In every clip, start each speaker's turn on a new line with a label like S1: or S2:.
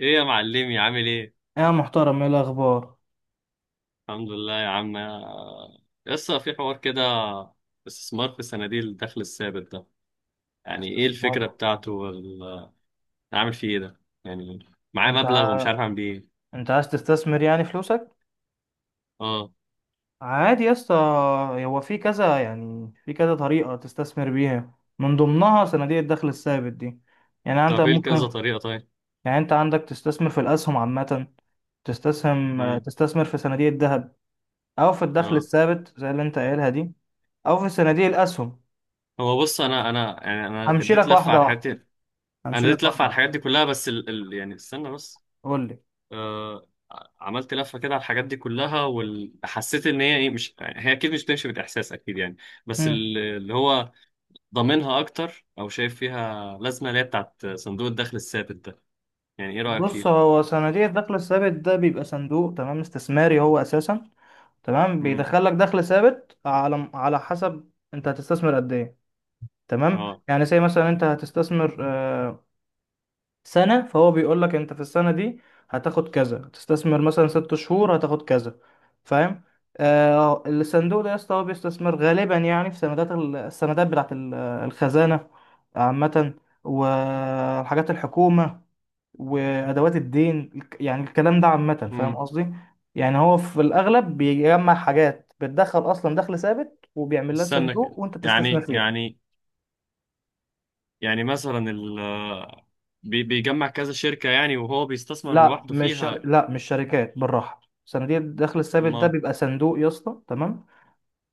S1: ايه يا معلمي، عامل ايه؟
S2: يا محترم، ايه الاخبار؟
S1: الحمد لله يا عم. لسه في حوار كده. استثمار في صناديق الدخل الثابت ده، يعني ايه الفكرة
S2: استثمار.
S1: بتاعته، اعمل فيه ايه ده يعني؟ معاه
S2: انت
S1: مبلغ ومش
S2: ع...
S1: عارف اعمل بيه ايه.
S2: انت عايز تستثمر يعني فلوسك.
S1: اه.
S2: عادي يا اسطى. هو في كذا، يعني في كذا طريقه تستثمر بيها، من ضمنها صناديق الدخل الثابت دي. يعني انت
S1: طب ايه كذا
S2: ممكن.
S1: طريقة طيب؟
S2: يعني انت عندك تستثمر في الاسهم عامه.
S1: امم.
S2: تستثمر في صناديق الذهب او في الدخل
S1: اه.
S2: الثابت زي اللي انت قايلها دي او في صناديق الاسهم.
S1: هو بص، انا يعني انا
S2: همشي
S1: اديت
S2: لك
S1: لفة على
S2: واحده
S1: الحاجات
S2: واحده
S1: دي.
S2: همشي
S1: انا اديت
S2: لك
S1: لفة
S2: واحده
S1: على
S2: واحده.
S1: الحاجات دي كلها، بس يعني استنى بس.
S2: قول
S1: آه، عملت لفة كده على الحاجات دي كلها، وحسيت ان هي ايه، مش هي اكيد مش بتمشي بالاحساس اكيد يعني. بس
S2: لي.
S1: اللي هو ضامنها اكتر، او شايف فيها لازمه، اللي هي بتاعت صندوق الدخل الثابت ده. يعني ايه رايك
S2: بص،
S1: فيه؟
S2: هو صناديق الدخل الثابت ده بيبقى صندوق، تمام، استثماري هو اساسا. تمام،
S1: امم.
S2: بيدخلك دخل ثابت على حسب انت هتستثمر قد ايه. تمام،
S1: اه.
S2: يعني زي مثلا انت هتستثمر سنة، فهو بيقول لك انت في السنة دي هتاخد كذا، هتستثمر مثلا 6 شهور هتاخد كذا. فاهم؟ الصندوق ده يا اسطى هو بيستثمر غالبا، يعني في سندات السندات بتاعت الخزانة عامة، والحاجات الحكومة، وادوات الدين يعني الكلام ده عامه، فاهم
S1: امم.
S2: قصدي؟ يعني هو في الاغلب بيجمع حاجات بتدخل اصلا دخل ثابت وبيعمل لها
S1: استنى
S2: صندوق
S1: كده،
S2: وانت بتستثمر
S1: يعني،
S2: فيها.
S1: مثلا بيجمع كذا شركه يعني، وهو بيستثمر لوحده فيها.
S2: لا مش شركات، بالراحه. صناديق الدخل الثابت ده بيبقى صندوق يا اسطى، تمام.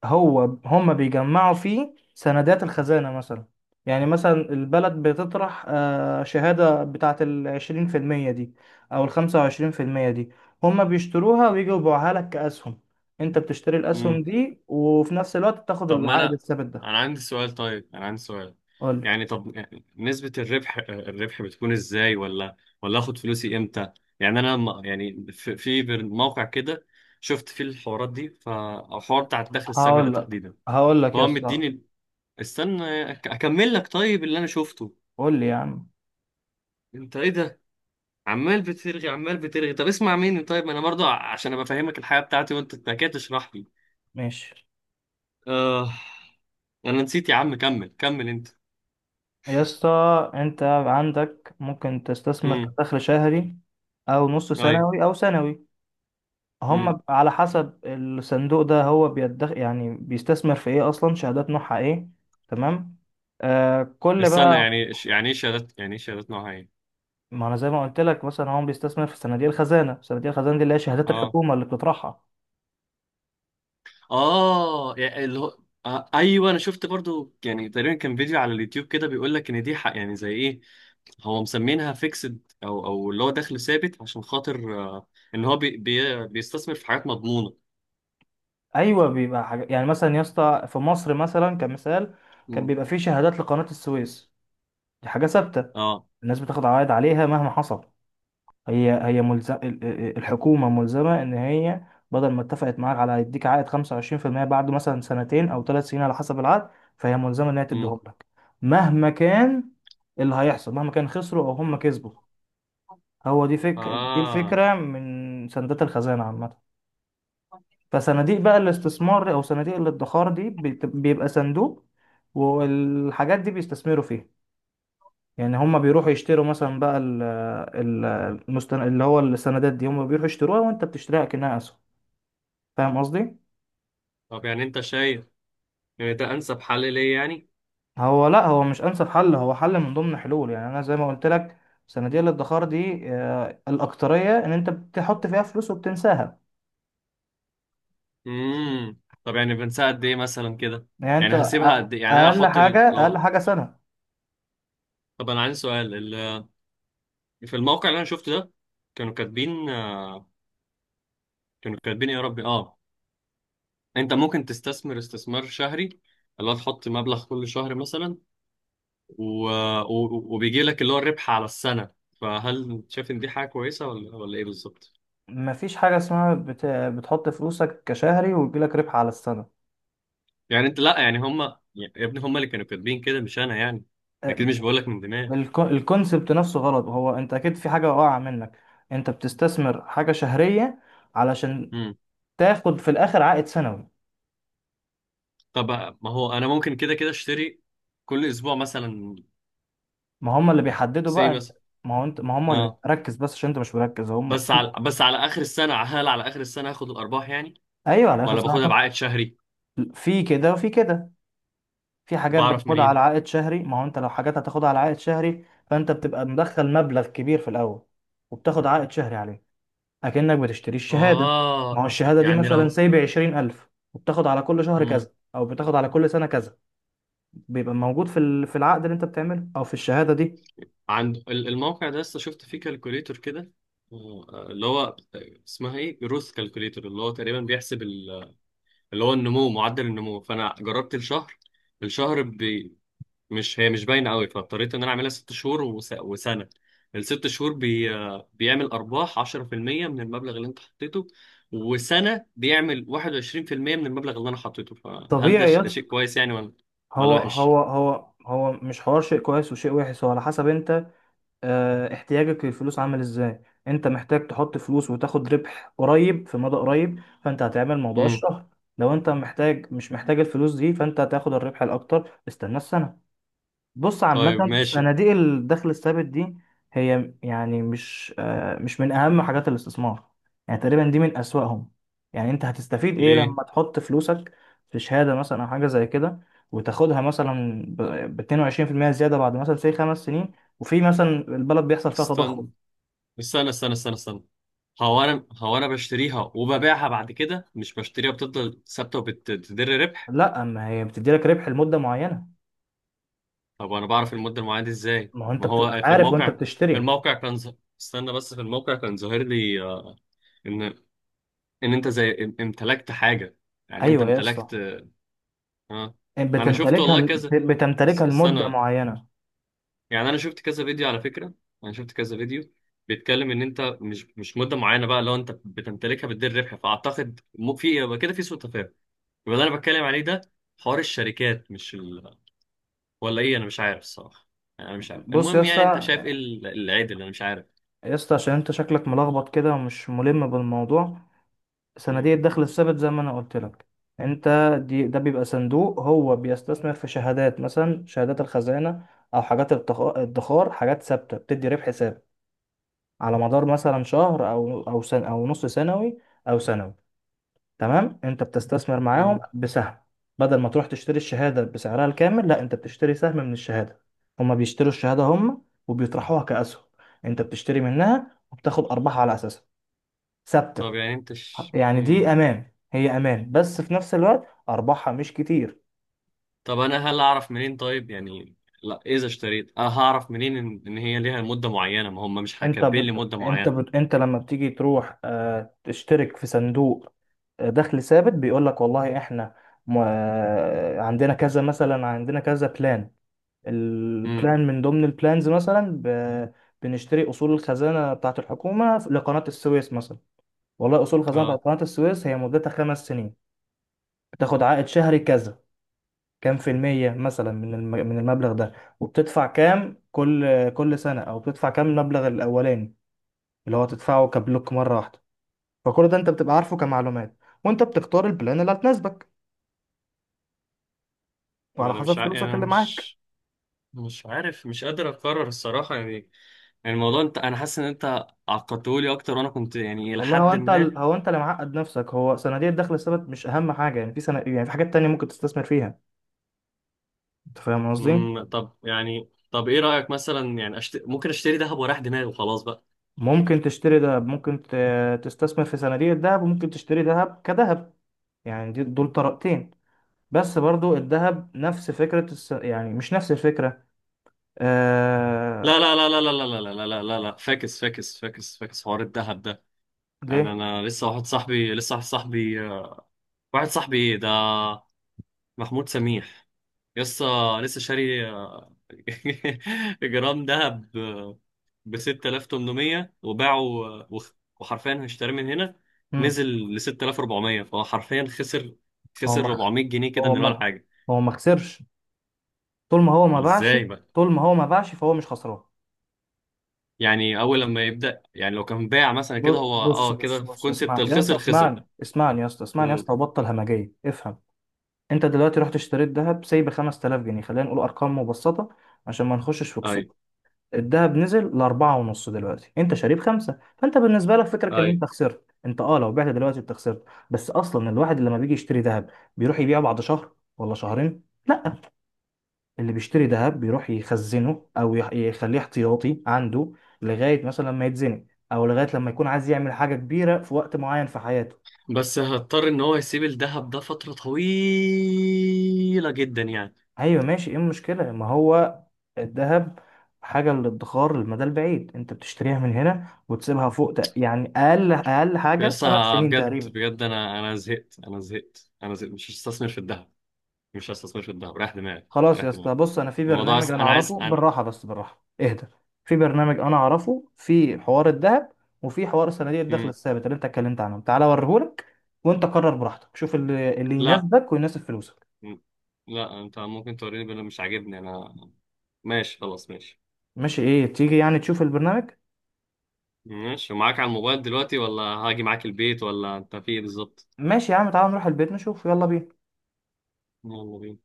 S2: هو هم بيجمعوا فيه سندات الخزانة مثلا. يعني مثلا البلد بتطرح شهادة بتاعة العشرين في المية دي أو الخمسة وعشرين في المية دي. هم بيشتروها ويجوا يبيعوها لك كأسهم. أنت بتشتري
S1: ما،
S2: الأسهم دي وفي نفس الوقت تاخد
S1: طب، ما
S2: العائد
S1: انا
S2: الثابت ده.
S1: انا عندي سؤال، طيب انا عندي سؤال.
S2: قول لي.
S1: يعني، طب يعني نسبة الربح، بتكون ازاي؟ ولا اخد فلوسي امتى؟ يعني انا يعني في موقع كده شفت فيه الحوارات دي، فالحوار بتاع الدخل السلبي ده
S2: هقول لك
S1: تحديدا،
S2: هقول لك يا
S1: هو
S2: اسطى.
S1: مديني. استنى، اكمل لك طيب اللي انا شفته.
S2: قول لي يا عم.
S1: انت ايه ده، عمال بترغي عمال بترغي؟ طب اسمع مني طيب، ما انا برضه عشان ابقى فاهمك الحياة بتاعتي، وانت كده تشرح لي.
S2: ماشي
S1: آه، انا نسيت يا عم، كمل كمل انت.
S2: يا اسطى. أنت عندك ممكن تستثمر
S1: امم.
S2: كدخل شهري أو نص
S1: ايوه.
S2: سنوي أو سنوي. هم على حسب الصندوق ده هو يعني بيستثمر في ايه اصلا، شهادات نوعها ايه. تمام. كل
S1: استنى،
S2: بقى.
S1: يعني ايه شهادات نوعها ايه؟
S2: ما انا زي ما قلت لك، مثلا هو بيستثمر في صناديق الخزانه. صناديق الخزانه دي اللي هي شهادات
S1: اه.
S2: الحكومه اللي بتطرحها.
S1: اه يعني اللي هو، آه ايوه، انا شفت برضو. يعني تقريبا كان فيديو على اليوتيوب كده بيقول لك ان دي حق، يعني زي ايه. هو مسمينها فيكسد، او اللي هو دخل ثابت، عشان خاطر آه، ان هو بي بي بيستثمر في حاجات مضمونه.
S2: ايوه، بيبقى حاجه، يعني مثلا يا اسطى في مصر مثلا كمثال كان
S1: امم.
S2: بيبقى فيه شهادات لقناه السويس. دي حاجه ثابته.
S1: اه.
S2: الناس بتاخد عوائد عليها مهما حصل. هي ملزم. الحكومة ملزمة إن هي بدل ما اتفقت معاك على هيديك عائد 25% بعد مثلا سنتين أو 3 سنين على حسب العقد، فهي ملزمة إن هي
S1: امم.
S2: تديهم لك مهما كان. اللي هيحصل مهما كان، خسروا أو هم كسبوا. هو دي دي
S1: اه.
S2: الفكرة من صندوق الخزانة عامة. فصناديق بقى الاستثمار أو صناديق الادخار دي بيبقى صندوق، والحاجات دي بيستثمروا فيها. يعني هم بيروحوا يشتروا مثلا بقى ال اللي هو السندات دي. هم بيروحوا يشتروها وانت بتشتريها كأنها اسهم. فاهم قصدي؟
S1: طب يعني انت شايف ان ده انسب حل ليه يعني؟
S2: هو لا، هو مش انسب حل، هو حل من ضمن حلول، يعني انا زي ما قلت لك صناديق الادخار دي الاكتريه ان انت بتحط فيها فلوس وبتنساها.
S1: امم. طب يعني بنساعد قد ايه مثلا كده؟
S2: يعني انت
S1: يعني هسيبها قد ايه؟ يعني انا
S2: اقل
S1: احط
S2: حاجه اقل
S1: لو،
S2: حاجه سنه.
S1: طب انا عندي سؤال. في الموقع اللي انا شفته ده، كانوا كاتبين كانوا كاتبين إيه يا ربي، اه. انت ممكن تستثمر استثمار شهري، اللي هو تحط مبلغ كل شهر مثلا، و... وبيجي لك اللي هو الربح على السنة، فهل شايف ان دي حاجة كويسة ولا ايه بالظبط؟
S2: مفيش حاجه اسمها بتحط فلوسك كشهري ويجيلك ربح على السنه.
S1: يعني انت، لا، يعني هم، يا ابني هم اللي كانوا كاتبين كده، مش انا يعني، اكيد
S2: آه،
S1: مش بقول لك من دماغي.
S2: الكونسبت نفسه غلط، هو انت اكيد في حاجة واقعة منك. انت بتستثمر حاجة شهرية علشان
S1: امم.
S2: تاخد في الاخر عائد سنوي.
S1: طب ما هو انا ممكن كده اشتري كل اسبوع مثلا،
S2: ما هم اللي بيحددوا
S1: سي
S2: بقى انت.
S1: مثلا.
S2: ما هو انت ما هم اللي
S1: اه،
S2: ركز بس عشان انت مش مركز هم.
S1: بس على اخر السنة، هل على اخر السنة هاخد الارباح يعني؟
S2: ايوه، على اخر
S1: ولا
S2: سنة
S1: باخدها
S2: هتاخد.
S1: بعائد شهري؟
S2: في كده وفي كده. في حاجات
S1: بعرف
S2: بتاخدها
S1: منين؟
S2: على عائد شهري، ما هو انت لو حاجات هتاخدها على عائد شهري فانت بتبقى مدخل مبلغ كبير في الاول وبتاخد عائد شهري عليه، اكنك بتشتري الشهادة. ما هو
S1: اه
S2: الشهادة دي
S1: يعني
S2: مثلا
S1: لو
S2: سايب 20,000 وبتاخد على كل شهر
S1: مم.
S2: كذا او بتاخد على كل سنة كذا. بيبقى موجود في العقد اللي انت بتعمله او في الشهاده دي.
S1: عند الموقع ده، لسه شفت فيه كالكوليتور كده، اللي هو اسمها ايه، جروث كالكوليتور، اللي هو تقريبا بيحسب اللي هو النمو، معدل النمو. فانا جربت الشهر، الشهر مش هي مش باينه قوي، فاضطريت ان انا اعملها ست شهور، وسنه. الست شهور بيعمل ارباح 10% من المبلغ اللي انت حطيته، وسنه بيعمل 21% من المبلغ اللي انا حطيته. فهل ده
S2: طبيعي يا
S1: ده
S2: اسطى.
S1: شيء كويس يعني؟ ولا
S2: هو
S1: وحش؟
S2: هو هو هو مش حوار شيء كويس وشيء وحش، هو على حسب انت، اه احتياجك للفلوس عامل ازاي. انت محتاج تحط فلوس وتاخد ربح قريب في مدى قريب، فانت هتعمل موضوع
S1: امم.
S2: الشهر. لو انت محتاج مش محتاج الفلوس دي فانت هتاخد الربح الاكتر، استنى السنه. بص
S1: طيب
S2: عامة
S1: ماشي.
S2: صناديق الدخل الثابت دي هي يعني مش مش من أهم حاجات الاستثمار، يعني تقريبا دي من أسوأهم. يعني أنت هتستفيد إيه
S1: ليه؟
S2: لما تحط فلوسك في شهادة مثلا أو حاجة زي كده وتاخدها مثلا ب 22% زيادة بعد مثلا 5 سنين، وفي مثلا البلد بيحصل فيها تضخم.
S1: استنى استنى استنى استنى استنى، هو انا بشتريها وببيعها بعد كده؟ مش بشتريها بتفضل ثابته وبتدر ربح؟
S2: لا، ما هي بتدي لك ربح لمدة معينة.
S1: طب وانا بعرف المده المعينه دي ازاي؟
S2: ما هو أنت
S1: ما
S2: بتبقى
S1: هو في
S2: عارف وأنت
S1: الموقع،
S2: بتشتري.
S1: كان استنى بس. في الموقع كان ظاهر لي آه، ان، انت زي امتلكت حاجه، يعني انت
S2: أيوه يا اسطى.
S1: امتلكت. اه. انا شفت والله
S2: بتمتلكها.
S1: كذا.
S2: بتمتلكها لمدة
S1: استنى،
S2: معينة.
S1: يعني انا شفت كذا فيديو على فكره. انا شفت كذا فيديو بيتكلم ان انت مش مده معينه. بقى لو انت بتمتلكها بتدير ربح، فاعتقد في إيه؟ يبقى كده في سوء تفاهم، يبقى اللي انا بتكلم عليه ده حوار الشركات، مش ولا ايه، انا مش عارف الصراحه، يعني انا مش عارف.
S2: بص يا
S1: المهم، يعني انت
S2: اسطى،
S1: شايف ايه العيب اللي انا مش عارف.
S2: عشان انت شكلك ملخبط كده ومش ملم بالموضوع. صناديق
S1: مم.
S2: الدخل الثابت زي ما انا قلت لك، انت، ده بيبقى صندوق، هو بيستثمر في شهادات مثلا شهادات الخزانة او حاجات الادخار، حاجات ثابتة بتدي ربح ثابت على مدار مثلا شهر او او نص سنوي او سنوي. تمام، انت بتستثمر معاهم
S1: مم.
S2: بسهم. بدل ما تروح تشتري الشهادة بسعرها الكامل، لا انت بتشتري سهم من الشهادة. هما بيشتروا الشهادة هما، وبيطرحوها كأسهم. انت بتشتري منها وبتاخد ارباح على اساسها ثابته.
S1: طب يعني انت ش...
S2: يعني
S1: مم.
S2: دي امان، هي امان، بس في نفس الوقت ارباحها مش كتير.
S1: طب انا هل اعرف منين طيب يعني، لا، اذا اشتريت انا هعرف منين ان, هي ليها مدة معينة؟ ما هم مش كاتبين لي مدة معينة.
S2: انت لما بتيجي تروح تشترك في صندوق دخل ثابت، بيقول لك والله احنا م... آه، عندنا كذا مثلا، عندنا كذا بلان.
S1: امم.
S2: البلان من ضمن البلانز مثلا بنشتري اصول الخزانه بتاعت الحكومه لقناه السويس مثلا. والله اصول الخزانه بتاعت
S1: اه.
S2: قناه السويس هي مدتها 5 سنين، بتاخد عائد شهري كذا، كام في المية مثلا من المبلغ ده، وبتدفع كام كل سنة أو بتدفع كام المبلغ الأولاني اللي هو تدفعه كبلوك مرة واحدة. فكل ده أنت بتبقى عارفه كمعلومات، وأنت بتختار البلان اللي هتناسبك
S1: ما
S2: وعلى
S1: انا مش
S2: حسب
S1: يعني
S2: فلوسك
S1: انا
S2: اللي معاك.
S1: مش مش عارف، مش قادر اقرر الصراحة يعني. يعني الموضوع انت، انا حاسس ان انت عقدتهولي اكتر، وانا كنت يعني الى
S2: والله هو
S1: حد ما.
S2: هو أنت اللي معقد نفسك، هو صناديق الدخل الثابت مش أهم حاجة، يعني في سنة يعني في حاجات تانية ممكن تستثمر فيها. أنت فاهم قصدي؟
S1: مم. طب يعني، طب ايه رأيك مثلا يعني، ممكن اشتري ذهب وراح دماغي وخلاص بقى؟
S2: ممكن تشتري دهب، ممكن تستثمر في صناديق الدهب، وممكن تشتري دهب كدهب. يعني دول طريقتين. بس برضو الذهب نفس فكرة يعني مش نفس الفكرة.
S1: لا
S2: آه...
S1: لا لا لا لا لا لا لا لا لا لا لا! فاكس فاكس فاكس فاكس حوار الذهب ده. انا
S2: ليه؟
S1: انا لسه، واحد صاحبي ايه ده، محمود سميح، لسه لسه شاري جرام ذهب ب 6800 وباعه، وخ- وحرفيا هيشتريه من هنا،
S2: مم.
S1: نزل ل 6400، فهو حرفيا خسر،
S2: هو ما خ-
S1: 400 جنيه كده
S2: هو
S1: من ولا
S2: ما
S1: حاجه.
S2: هو ما خسرش طول ما هو ما باعش.
S1: ازاي بقى؟
S2: طول ما هو ما باعش فهو مش خسران.
S1: يعني اول لما يبدا، يعني لو كان باع مثلا كده هو،
S2: بص
S1: اه
S2: بص
S1: كده، في
S2: بص،
S1: كونسبت
S2: اسمعني يا اسطى،
S1: الخسر، خسر.
S2: اسمعني، اسمعني يا اسطى، اسمعني يا
S1: امم.
S2: اسطى، وبطل همجية، افهم. انت دلوقتي رحت اشتريت ذهب سايب 5000 جنيه، خلينا نقول ارقام مبسطة عشان ما نخشش في
S1: اي.
S2: كسوف. الذهب نزل لأربعة ونص، دلوقتي انت شاريه بخمسة، فانت بالنسبة لك فكرك ان
S1: اي.
S2: انت خسرت، انت اه لو بعت دلوقتي انت خسرت. بس اصلا الواحد لما بيجي يشتري ذهب بيروح يبيعه بعد شهر ولا شهرين، لا. اللي بيشتري ذهب بيروح يخزنه او يخليه احتياطي عنده لغاية مثلا لما يتزنق، او لغاية لما يكون عايز يعمل حاجة كبيرة في وقت معين في حياته.
S1: بس هضطر ان هو يسيب الذهب ده فترة طويلة جدا يعني.
S2: ايوه ماشي، ايه المشكلة؟ ما هو الذهب حاجة للادخار للمدى البعيد، انت بتشتريها من هنا وتسيبها فوق، يعني اقل اقل حاجه
S1: بس
S2: 5 سنين
S1: بجد
S2: تقريبا.
S1: بجد، انا زهقت، انا زهقت، انا زهقت، مش هستثمر في الذهب، مش هستثمر في الذهب، رايح دماغي،
S2: خلاص
S1: رايح
S2: يا اسطى،
S1: دماغي،
S2: بص انا في
S1: الموضوع
S2: برنامج انا
S1: انا عايز
S2: اعرفه، بالراحه، بس بالراحه اهدى. في برنامج انا اعرفه في حوار الذهب وفي حوار صناديق الدخل
S1: مم.
S2: الثابت اللي انت اتكلمت عنه، تعالى اوريهولك. وانت قرر براحتك، شوف اللي
S1: لا.
S2: يناسبك ويناسب فلوسك.
S1: مم. لا، انت ممكن توريني، بل مش عاجبني انا. ماشي خلاص، ماشي.
S2: ماشي، ايه تيجي يعني تشوف البرنامج؟
S1: ماشي، ومعاك على الموبايل دلوقتي، ولا هاجي معاك البيت، ولا انت في ايه بالظبط؟
S2: ماشي يا عم، تعالى نروح البيت نشوف، يلا بينا.
S1: يلا بينا.